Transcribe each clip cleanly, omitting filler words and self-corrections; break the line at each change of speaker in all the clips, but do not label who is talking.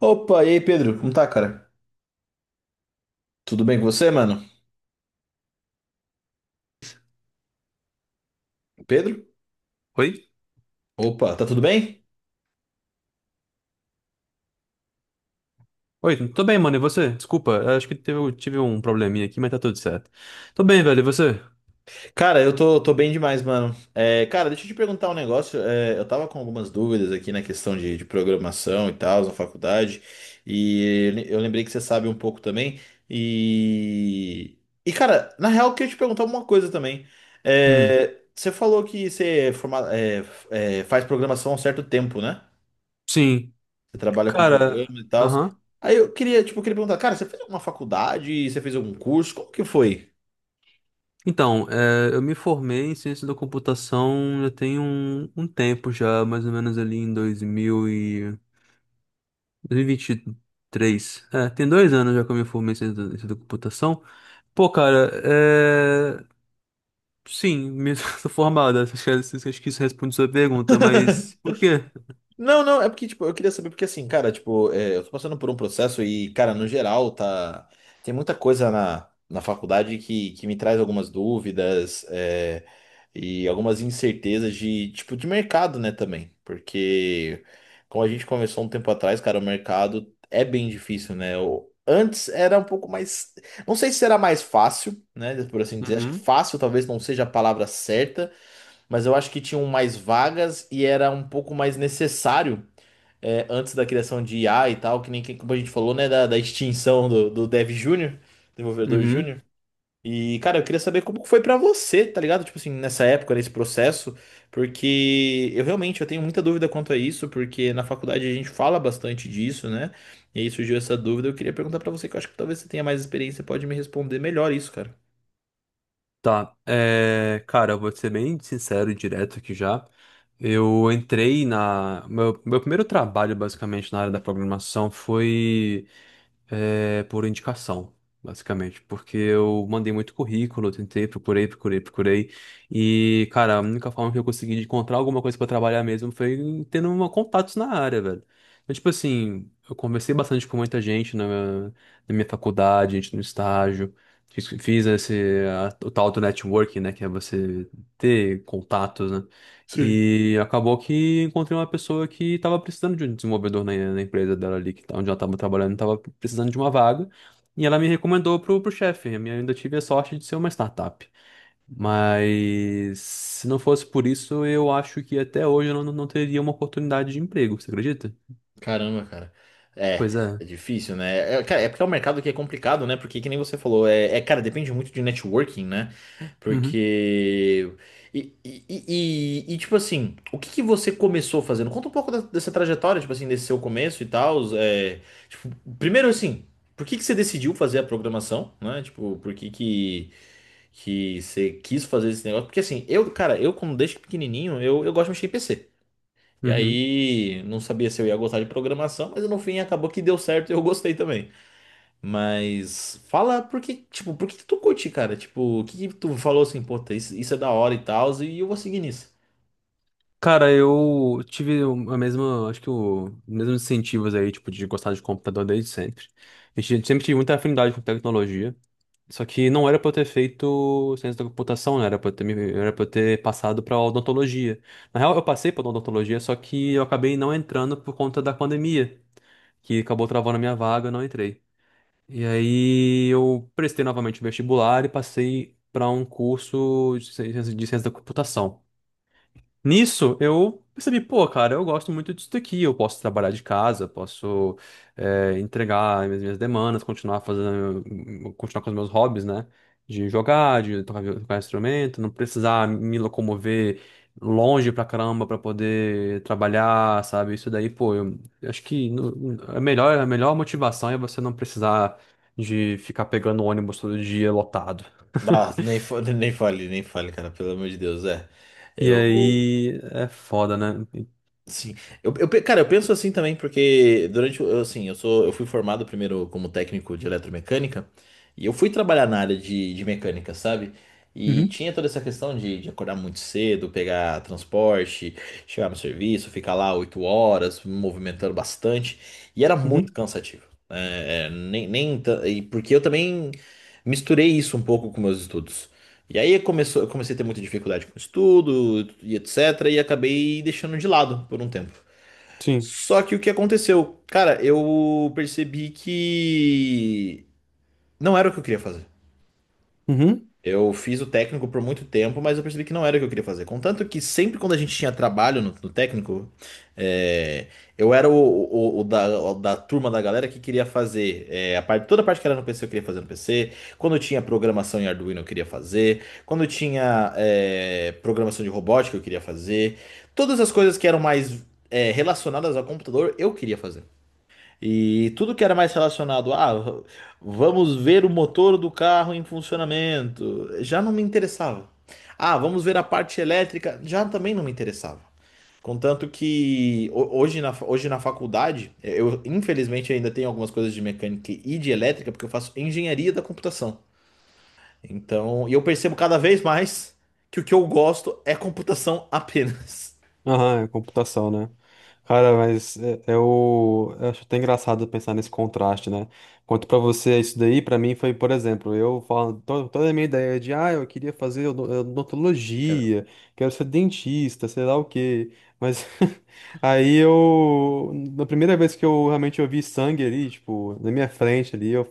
Opa, e aí, Pedro? Como tá, cara? Tudo bem com você, mano? Pedro?
Oi?
Opa, tá tudo bem?
Oi, tô bem, mano. E você? Desculpa, acho que tive um probleminha aqui, mas tá tudo certo. Tô bem, velho. E você?
Cara, eu tô bem demais, mano. É, cara, deixa eu te perguntar um negócio. É, eu tava com algumas dúvidas aqui na questão de programação e tal, na faculdade. E le- eu lembrei que você sabe um pouco também. E. E, cara, na real, eu queria te perguntar uma coisa também.
Hum,
É, você falou que você faz programação há um certo tempo, né?
sim.
Você trabalha com
Cara,
programa e tal.
aham.
Aí eu queria, tipo, eu queria perguntar, cara, você fez alguma faculdade? Você fez algum curso? Como que foi?
Então, eu me formei em ciência da computação já tem um tempo já, mais ou menos ali em 2000 e 2023. É, tem dois anos já que eu me formei em ciência da computação. Pô, cara, é... Sim, me sou formado. Acho que isso responde sua pergunta, mas por quê?
Não, não, é porque, tipo, eu queria saber, porque assim, cara, tipo, é, eu tô passando por um processo e, cara, no geral, tá. Tem muita coisa na faculdade que me traz algumas dúvidas, é, e algumas incertezas de, tipo, de mercado, né, também. Porque, como a gente conversou um tempo atrás, cara, o mercado é bem difícil, né? O- antes era um pouco mais. Não sei se era mais fácil, né, por assim dizer. Acho que
Uhum,
fácil talvez não seja a palavra certa, mas eu acho que tinham mais vagas e era um pouco mais necessário, é, antes da criação de IA e tal, que nem que- como a gente falou, né, da extinção do, do Dev Júnior, desenvolvedor
uhum.
júnior. E, cara, eu queria saber como foi pra você, tá ligado? Tipo assim, nessa época, nesse processo, porque eu realmente eu tenho muita dúvida quanto a isso, porque na faculdade a gente fala bastante disso, né? E aí surgiu essa dúvida, eu queria perguntar pra você, que eu acho que talvez você tenha mais experiência, pode me responder melhor isso, cara.
Tá, cara, eu vou ser bem sincero e direto aqui já. Eu entrei na. Meu primeiro trabalho, basicamente, na área da programação foi por indicação, basicamente, porque eu mandei muito currículo, tentei, procurei, procurei, procurei, e, cara, a única forma que eu consegui de encontrar alguma coisa pra trabalhar mesmo foi tendo uma, contatos na área, velho. Então, tipo assim, eu conversei bastante com muita gente na minha faculdade, gente no estágio, fiz esse, o tal do networking, né, que é você ter contatos, né?
Sim.
E acabou que encontrei uma pessoa que estava precisando de um desenvolvedor na empresa dela ali, que, onde ela estava trabalhando, estava precisando de uma vaga. E ela me recomendou pro chefe. Eu ainda tive a sorte de ser uma startup. Mas se não fosse por isso, eu acho que até hoje eu não teria uma oportunidade de emprego, você acredita?
Caramba, cara.
Pois
É,
é.
é difícil, né? É, é, cara, é porque é um mercado que é complicado, né? Porque, que nem você falou, é, é, cara, depende muito de networking, né?
Uhum.
Porque. E, tipo assim, o que que você começou fazendo? Conta um pouco da- dessa trajetória, tipo assim, desse seu começo e tal. É, tipo, primeiro, assim, por que que você decidiu fazer a programação, né? Tipo, por que que você quis fazer esse negócio? Porque, assim, eu, cara, eu, como desde pequenininho, eu gosto de mexer em PC. E
Uhum.
aí, não sabia se eu ia gostar de programação, mas no fim acabou que deu certo e eu gostei também. Mas fala por que, tipo, por que que tu curte, cara? Tipo, o que que tu falou assim, puta, isso é da hora e tal, e eu vou seguir nisso.
Cara, eu tive a mesma, acho que os mesmos incentivos aí, tipo, de gostar de computador desde sempre. A gente sempre tive muita afinidade com tecnologia. Só que não era pra eu ter feito ciência da computação, né? Era pra eu era pra eu ter passado pra odontologia. Na real, eu passei pra odontologia, só que eu acabei não entrando por conta da pandemia, que acabou travando a minha vaga, eu não entrei. E aí eu prestei novamente o vestibular e passei pra um curso de ciência da computação. Nisso, eu percebi, pô, cara, eu gosto muito disso daqui. Eu posso trabalhar de casa, posso entregar as minhas demandas, continuar fazendo, continuar com os meus hobbies, né? De jogar, de tocar, tocar instrumento, não precisar me locomover longe pra caramba pra poder trabalhar, sabe? Isso daí, pô, eu acho que no- a melhor motivação é você não precisar de ficar pegando ônibus todo dia lotado.
Ah, nem, nem fale, nem fale, cara, pelo amor de Deus, é.
E
Eu,
aí é foda, né?
sim, eu, pe- cara, eu penso assim também, porque durante, o- eu, assim, eu sou, eu fui formado primeiro como técnico de eletromecânica, e eu fui trabalhar na área de mecânica, sabe? E tinha toda essa questão de acordar muito cedo, pegar transporte, chegar no serviço, ficar lá 8 horas, me movimentando bastante, e era muito
Uhum,
cansativo. É, nem, nem, ta- e porque eu também misturei isso um pouco com meus estudos. E aí começou, eu comecei a ter muita dificuldade com estudo e etc. E acabei deixando de lado por um tempo.
sim.
Só que o que aconteceu? Cara, eu percebi que não era o que eu queria fazer.
Uhum.
Eu fiz o técnico por muito tempo, mas eu percebi que não era o que eu queria fazer. Contanto que sempre quando a gente tinha trabalho no técnico, é, eu era o da turma da galera que queria fazer. É, a parte, toda a parte que era no PC eu queria fazer no PC. Quando eu tinha programação em Arduino eu queria fazer. Quando eu tinha, é, programação de robótica eu queria fazer. Todas as coisas que eram mais, é, relacionadas ao computador eu queria fazer. E tudo que era mais relacionado a, ah, vamos ver o motor do carro em funcionamento, já não me interessava. Ah, vamos ver a parte elétrica, já também não me interessava. Contanto que hoje na, hoje na faculdade, eu infelizmente ainda tenho algumas coisas de mecânica e de elétrica, porque eu faço engenharia da computação. Então, e eu percebo cada vez mais que o que eu gosto é computação apenas.
Aham, é computação, né? Cara, é o... eu acho até engraçado pensar nesse contraste, né? Quanto pra você isso daí, pra mim foi, por exemplo, eu falo toda a minha ideia de, ah, eu queria fazer
Cara,
odontologia, quero ser dentista, sei lá o quê. Mas aí eu, na primeira vez que eu realmente eu vi sangue ali, tipo, na minha frente ali, eu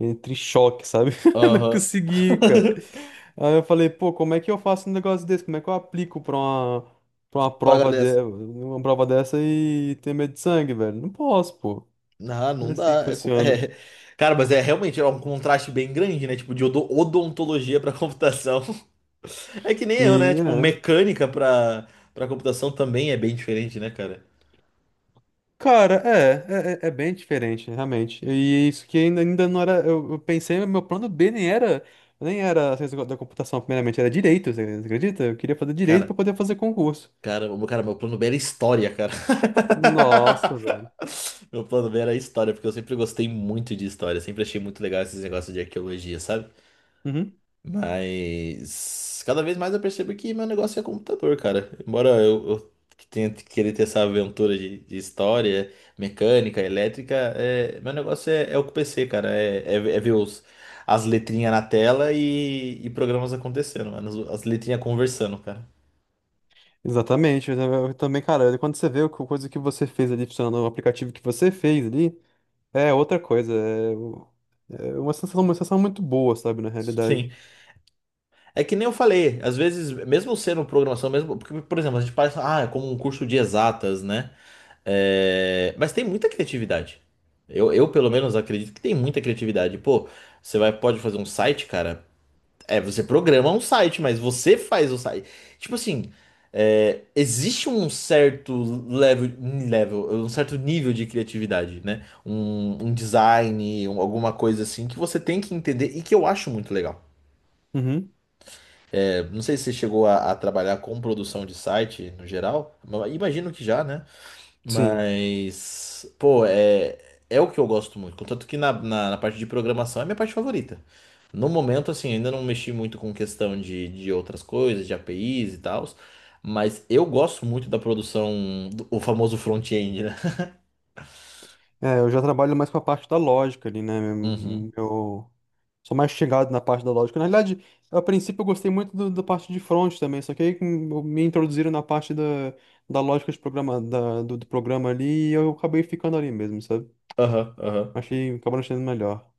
entrei em choque, sabe? Não
aham.
consegui, cara. Aí eu falei, pô, como é que eu faço um negócio desse? Como é que eu aplico pra uma
Paga
prova de...
dessa.
uma prova dessa e ter medo de sangue, velho. Não posso, pô.
Não,
Não é
não
assim que
dá.
funciona.
Cara, mas é realmente é um contraste bem grande, né? Tipo, de odo- odontologia pra computação. É que nem eu, né?
E,
Tipo,
é.
mecânica pra para computação também é bem diferente, né, cara?
Cara, é bem diferente, realmente. E isso que ainda não era. Eu pensei, meu plano B nem era. Nem era ciência da computação, primeiramente, era direito, você acredita? Eu queria fazer direito
Cara,
pra poder fazer concurso.
cara, o- cara, meu plano B era história, cara.
Nossa, velho.
Meu plano B era história, porque eu sempre gostei muito de história, sempre achei muito legal esses negócios de arqueologia, sabe?
Uhum.
Mas cada vez mais eu percebo que meu negócio é computador, cara. Embora eu que tenha que querer ter essa aventura de história, mecânica, elétrica, é, meu negócio é, é o PC, cara. É, é, é ver os, as letrinhas na tela e programas acontecendo, mano. As letrinhas conversando, cara.
Exatamente. Eu também, cara, quando você vê a coisa que você fez ali funcionando, o aplicativo que você fez ali, é outra coisa. É, É uma sensação muito boa, sabe, na
Sim.
realidade.
É que nem eu falei, às vezes, mesmo sendo programação, mesmo, porque, por exemplo, a gente faz, ah, é como um curso de exatas, né? É, mas tem muita criatividade. Eu, pelo menos, acredito que tem muita criatividade. Pô, você vai, pode fazer um site, cara. É, você programa um site, mas você faz o site. Tipo assim, é, existe um certo level, um certo nível de criatividade, né? Um design, um- alguma coisa assim que você tem que entender e que eu acho muito legal.
Uhum,
Não sei se você chegou a trabalhar com produção de site no geral, ma- imagino que já, né?
sim.
Mas, pô, é, é o que eu gosto muito. Contanto que na, na parte de programação é a minha parte favorita. No momento, assim, ainda não mexi muito com questão de outras coisas, de APIs e tal, mas eu gosto muito da produção, do- o famoso front-end, né?
É, eu já trabalho mais com a parte da lógica ali, né?
Uhum.
Eu eu sou mais chegado na parte da lógica. Na realidade, a princípio eu gostei muito da parte de front também, só que aí me introduziram da lógica do programa ali e eu acabei ficando ali mesmo, sabe?
Aham, aham.
Acabou achando melhor.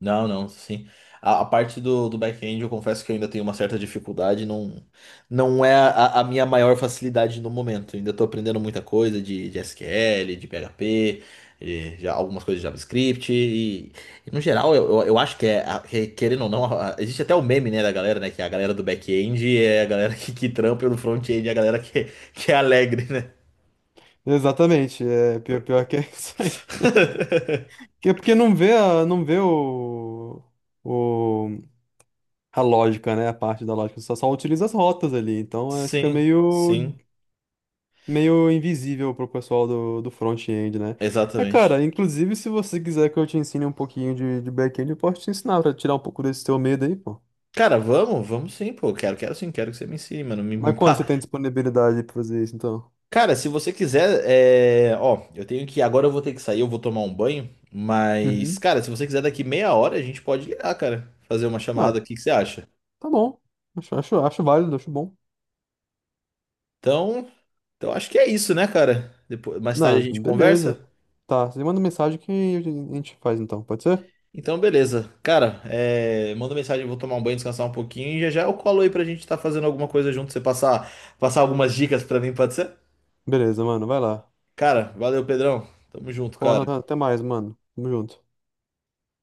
Não, não, sim. A parte do, do back-end, eu confesso que eu ainda tenho uma certa dificuldade, não, não é a minha maior facilidade no momento. Eu ainda estou aprendendo muita coisa de SQL, de PHP, de, já, algumas coisas de JavaScript, e no geral, eu acho que é, a- que, querendo ou não, a- existe até o meme, né, da galera, né, que a galera do back-end é a galera que trampa e o do front-end é a galera que é alegre, né?
Exatamente, é pior, pior que é isso aí. Que é porque não vê o a lógica, né? A parte da lógica. Só utiliza as rotas ali. Então é,
Sim, sim,
meio invisível pro pessoal do front-end, né? É,
exatamente.
cara, inclusive se você quiser que eu te ensine um pouquinho de back-end, eu posso te ensinar pra tirar um pouco desse teu medo aí, pô.
Cara, vamos, vamos sim, pô. Quero, quero sim, quero que você me ensine, mano. Me
Mas quando você
pá.
tem disponibilidade pra fazer isso, então?
Cara, se você quiser, é... ó, eu tenho que. Agora eu vou ter que sair, eu vou tomar um banho. Mas,
Uhum.
cara, se você quiser daqui meia hora, a gente pode ligar, cara. Fazer uma
Ah,
chamada aqui, o que você acha?
tá bom. Acho válido, acho bom.
Então, então acho que é isso, né, cara? Depois, mais tarde a
Não,
gente
beleza.
conversa.
Tá, você manda mensagem que a gente faz então, pode ser?
Então, beleza. Cara, é... manda mensagem, eu vou tomar um banho, descansar um pouquinho e já já eu colo aí pra gente tá fazendo alguma coisa junto. Você passar, passar algumas dicas pra mim, pode ser?
Beleza, mano, vai lá.
Cara, valeu, Pedrão. Tamo junto,
Bom,
cara.
até mais, mano. Tamo junto.